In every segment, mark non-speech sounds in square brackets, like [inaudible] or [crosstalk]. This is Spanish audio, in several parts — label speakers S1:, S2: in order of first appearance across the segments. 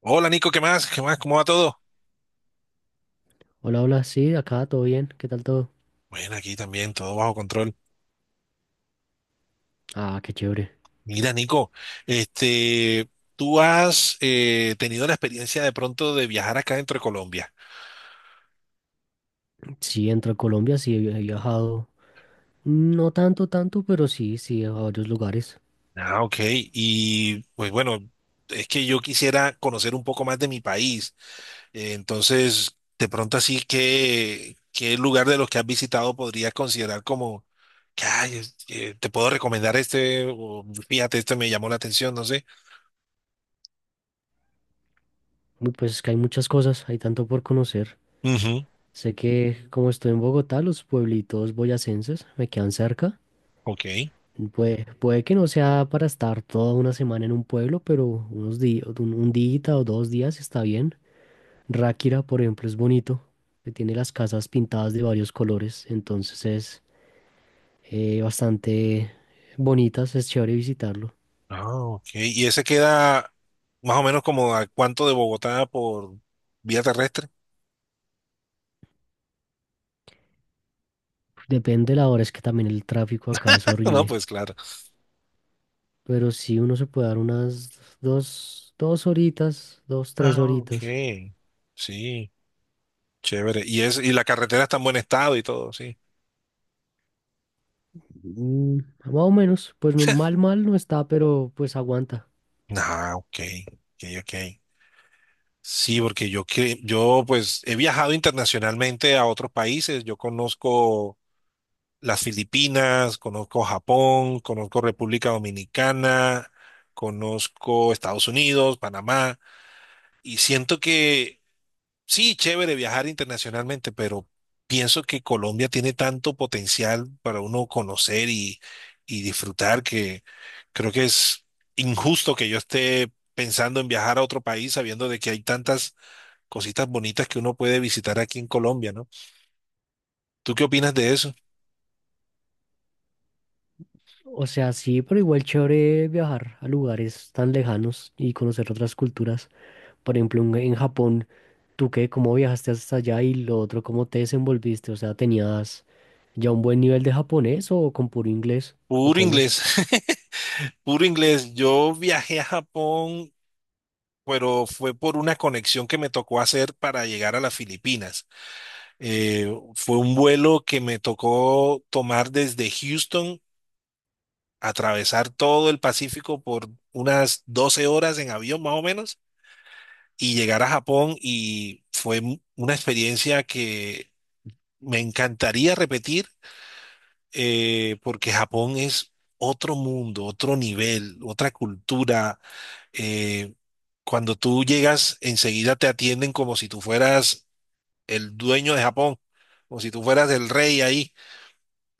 S1: Hola Nico, ¿qué más? ¿Qué más? ¿Cómo va todo?
S2: Hola, hola, sí, acá todo bien, ¿qué tal todo?
S1: Bueno, aquí también, todo bajo control.
S2: Ah, qué chévere.
S1: Mira, Nico, este, tú has tenido la experiencia de pronto de viajar acá dentro de Colombia.
S2: Sí, entro a Colombia, sí he viajado, no tanto, tanto, pero sí, sí, a varios lugares.
S1: Ah, ok. Y pues bueno, es que yo quisiera conocer un poco más de mi país. Entonces, de pronto así que, ¿qué lugar de los que has visitado podrías considerar como, que "Ay, te puedo recomendar este, o fíjate, este me llamó la atención, no sé.
S2: Uy, pues es que hay muchas cosas, hay tanto por conocer.
S1: Ujú.
S2: Sé que como estoy en Bogotá, los pueblitos boyacenses me quedan cerca.
S1: Ok.
S2: Puede que no sea para estar toda una semana en un pueblo, pero unos días, un día o dos días está bien. Ráquira, por ejemplo, es bonito, que tiene las casas pintadas de varios colores, entonces es bastante bonitas, es chévere visitarlo.
S1: Ah, ok. ¿Y ese queda más o menos como a cuánto de Bogotá por vía terrestre?
S2: Depende de la hora, es que también el tráfico acá es
S1: [laughs] No,
S2: horrible,
S1: pues claro.
S2: pero sí uno se puede dar unas dos horitas, dos, tres
S1: Ah,
S2: horitas.
S1: ok. Sí, chévere. Y es, y la carretera está en buen estado y todo, sí.
S2: Mm, Más o menos, pues mal, mal no está, pero pues aguanta.
S1: Ah, ok. Ok, ok. Sí, porque yo pues he viajado internacionalmente a otros países. Yo conozco las Filipinas, conozco Japón, conozco República Dominicana, conozco Estados Unidos, Panamá, y siento que sí, chévere viajar internacionalmente, pero pienso que Colombia tiene tanto potencial para uno conocer y disfrutar que creo que es injusto que yo esté pensando en viajar a otro país sabiendo de que hay tantas cositas bonitas que uno puede visitar aquí en Colombia, ¿no? ¿Tú qué opinas de eso?
S2: O sea, sí, pero igual chévere viajar a lugares tan lejanos y conocer otras culturas. Por ejemplo, en Japón, ¿tú qué? ¿Cómo viajaste hasta allá? Y lo otro, ¿cómo te desenvolviste? O sea, tenías. ¿Ya un buen nivel de japonés o con puro inglés? ¿O
S1: Puro
S2: cómo?
S1: inglés. [laughs] Puro inglés. Yo viajé a Japón, pero fue por una conexión que me tocó hacer para llegar a las Filipinas. Fue un vuelo que me tocó tomar desde Houston, atravesar todo el Pacífico por unas 12 horas en avión más o menos y llegar a Japón, y fue una experiencia que me encantaría repetir, porque Japón es otro mundo, otro nivel, otra cultura. eh, Cuando tú llegas, enseguida te atienden como si tú fueras el dueño de Japón, como si tú fueras el rey ahí.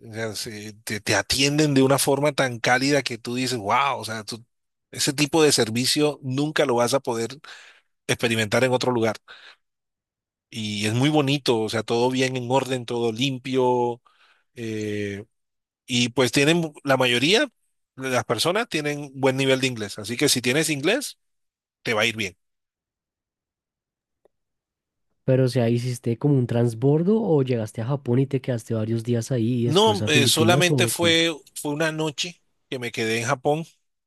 S1: O sea, te atienden de una forma tan cálida que tú dices, wow, o sea, ese tipo de servicio nunca lo vas a poder experimentar en otro lugar. Y es muy bonito, o sea, todo bien en orden, todo limpio. eh, y pues tienen, la mayoría de las personas tienen buen nivel de inglés. Así que si tienes inglés, te va a ir bien.
S2: Pero o sea, ¿hiciste como un transbordo o llegaste a Japón y te quedaste varios días ahí y
S1: No,
S2: después a Filipinas
S1: solamente
S2: o cómo?
S1: fue una noche que me quedé en Japón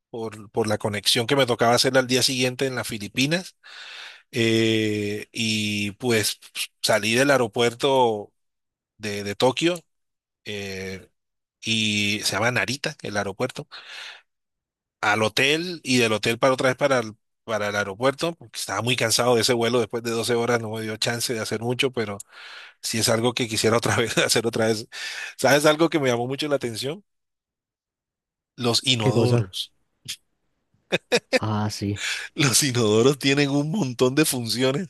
S1: por la conexión que me tocaba hacer al día siguiente en las Filipinas. Y pues salí del aeropuerto de Tokio, eh, y se llama Narita, el aeropuerto, al hotel y del hotel para otra vez para el aeropuerto, porque estaba muy cansado de ese vuelo después de 12 horas, no me dio chance de hacer mucho, pero sí es algo que quisiera otra [laughs] vez hacer otra vez. ¿Sabes algo que me llamó mucho la atención? Los
S2: ¿Qué cosa?
S1: inodoros.
S2: Ah, sí.
S1: Los inodoros tienen un montón de funciones.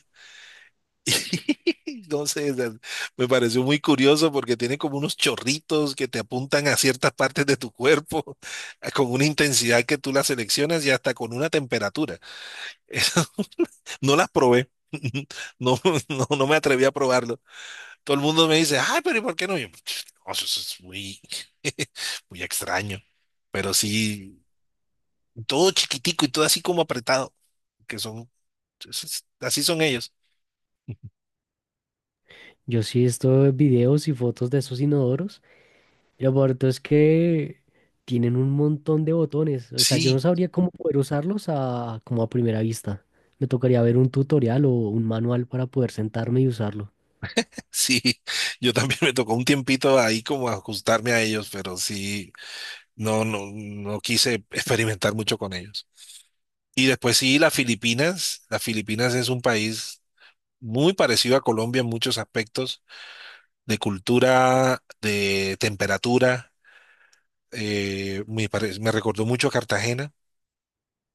S1: [laughs] Entonces sé, me pareció muy curioso porque tiene como unos chorritos que te apuntan a ciertas partes de tu cuerpo [laughs] con una intensidad que tú las seleccionas y hasta con una temperatura. [laughs] Eso, no las probé. [laughs] No, no, no me atreví a probarlo. Todo el mundo me dice, ay, pero ¿y por qué no? Y yo, [tsk] "No, eso es muy, [laughs] muy extraño. Pero sí, todo chiquitico y todo así como apretado, que son, así son ellos.
S2: Yo sí he visto videos y fotos de esos inodoros. Y lo bonito es que tienen un montón de botones. O sea, yo no
S1: Sí.
S2: sabría cómo poder usarlos a, como a primera vista. Me tocaría ver un tutorial o un manual para poder sentarme y usarlo.
S1: Sí, yo también me tocó un tiempito ahí como ajustarme a ellos, pero sí, no, no, no quise experimentar mucho con ellos. Y después sí, las Filipinas. Las Filipinas es un país muy parecido a Colombia en muchos aspectos, de cultura, de temperatura. Me recordó mucho a Cartagena.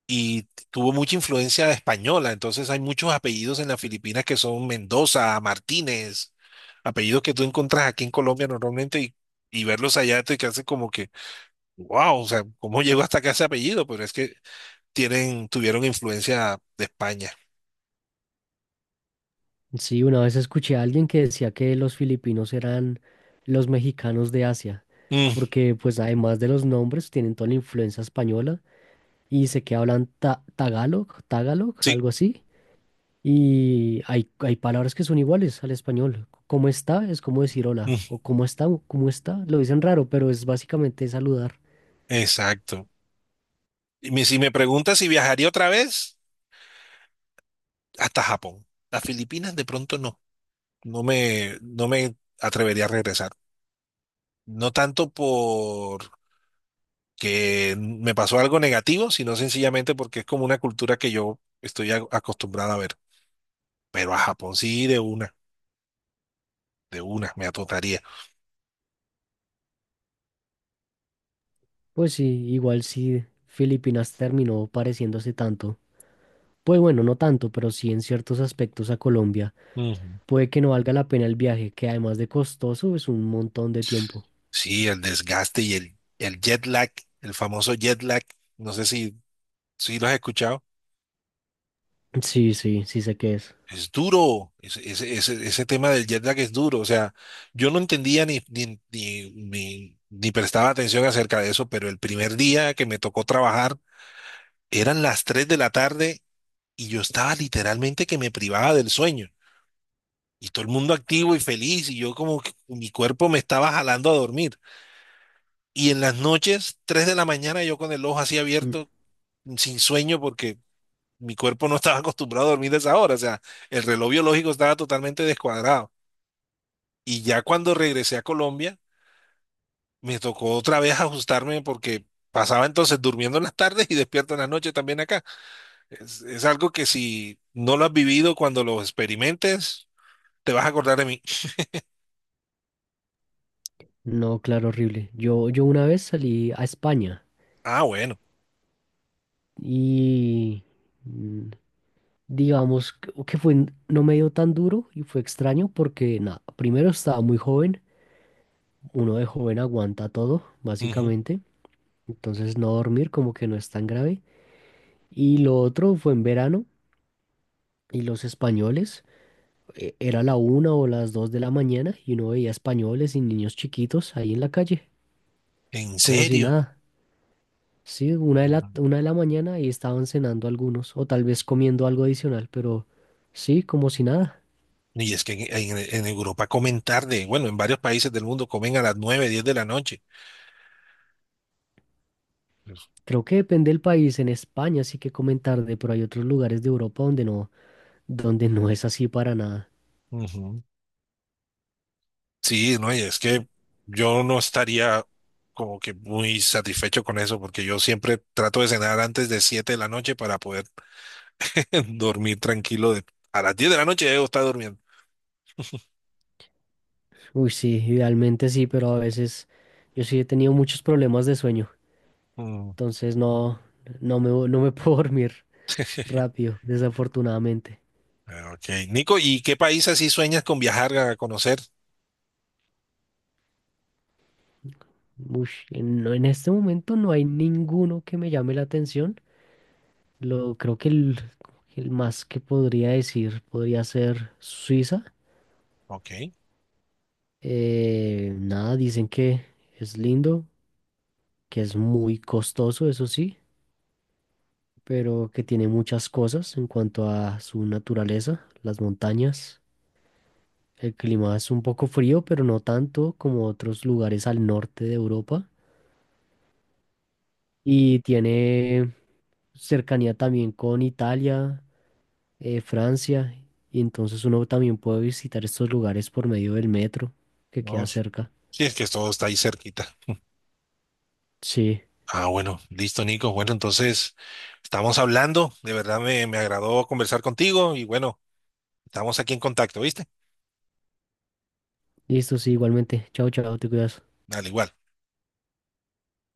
S1: Y tuvo mucha influencia española, entonces hay muchos apellidos en las Filipinas que son Mendoza, Martínez, apellidos que tú encuentras aquí en Colombia normalmente y verlos allá te hace como que, wow, o sea, ¿cómo [laughs] llegó hasta acá ese apellido? Pero es que tuvieron influencia de España.
S2: Sí, una vez escuché a alguien que decía que los filipinos eran los mexicanos de Asia,
S1: Mm,
S2: porque pues además de los nombres tienen toda la influencia española y sé que hablan tagalog,
S1: sí,
S2: algo así, y hay palabras que son iguales al español. ¿Cómo está? Es como decir hola,
S1: mm,
S2: o cómo está, lo dicen raro, pero es básicamente saludar.
S1: exacto. Y si me preguntas si viajaría otra vez, hasta Japón. Las Filipinas de pronto no, no me atrevería a regresar. No tanto por que me pasó algo negativo, sino sencillamente porque es como una cultura que yo estoy acostumbrado a ver. Pero a Japón sí, de una, me atotaría.
S2: Pues sí, igual sí, Filipinas terminó pareciéndose tanto. Pues bueno, no tanto, pero sí en ciertos aspectos a Colombia.
S1: Ujú.
S2: Puede que no valga la pena el viaje, que además de costoso es un montón de tiempo.
S1: Sí, el desgaste y el jet lag, el famoso jet lag, no sé si lo has escuchado,
S2: Sí, sí, sí sé qué es.
S1: es duro, ese tema del jet lag es duro, o sea, yo no entendía ni prestaba atención acerca de eso, pero el primer día que me tocó trabajar eran las 3 de la tarde y yo estaba literalmente que me privaba del sueño. Y todo el mundo activo y feliz, y yo como que mi cuerpo me estaba jalando a dormir. Y en las noches, 3 de la mañana, yo con el ojo así
S2: Mm,
S1: abierto, sin sueño, porque mi cuerpo no estaba [laughs] acostumbrado a dormir a esa hora. O sea, el reloj biológico estaba totalmente descuadrado. Y ya cuando regresé a Colombia, me tocó otra vez ajustarme porque pasaba entonces durmiendo en las tardes y despierto en las noches también acá. Es algo que si no lo has vivido cuando lo experimentes, te vas a acordar de mí.
S2: no, claro, horrible. Yo una vez salí a España
S1: Ah, bueno.
S2: y mm, digamos que fue, no me dio tan duro y fue extraño porque, nada, primero estaba muy joven, uno de joven aguanta todo,
S1: Ujú.
S2: básicamente, entonces no dormir como que no es tan grave. Y lo otro fue en verano y los españoles. Era la una o las dos de la mañana y uno veía españoles y niños chiquitos ahí en la calle,
S1: ¿En
S2: como si
S1: serio?
S2: nada. Sí, una de la mañana y estaban cenando algunos, o tal vez comiendo algo adicional, pero sí, como si nada.
S1: Y es que en Europa comen tarde. Bueno, en varios países del mundo comen a las 9, 10 de la noche.
S2: Creo que depende del país. En España sí que comen tarde, pero hay otros lugares de Europa donde no es así para nada.
S1: Ujú. Sí, no, y es que yo no estaría como que muy satisfecho con eso, porque yo siempre trato de cenar antes de 7 de la noche para poder [laughs] dormir tranquilo. A las 10 de la noche ya debo estar durmiendo.
S2: Uy, sí, idealmente sí, pero a veces yo sí he tenido muchos problemas de sueño,
S1: Mm.
S2: entonces no, no me puedo [laughs] dormir
S1: [laughs]
S2: rápido, desafortunadamente.
S1: Ah, ok, Nico, ¿y qué país así sueñas con viajar a conocer?
S2: Ush, no, en este momento no hay ninguno que me llame la atención. Creo que el más que podría decir podría ser Suiza.
S1: Ok,
S2: Nada, dicen que es lindo, que es muy costoso, eso sí, pero que tiene muchas cosas en cuanto a su naturaleza, las montañas. El clima es un poco frío, pero no tanto como otros lugares al norte de Europa. Y tiene cercanía también con Italia Francia, y entonces uno también puede visitar estos lugares por medio del metro que
S1: no,
S2: queda cerca.
S1: sí, es que todo está ahí cerquita.
S2: Sí,
S1: Ah, bueno, listo, Nico. Bueno, entonces estamos hablando. De verdad me agradó conversar contigo y bueno, estamos aquí en contacto, ¿viste?
S2: listo, sí, igualmente. Chao, chao, te cuidas.
S1: Al igual.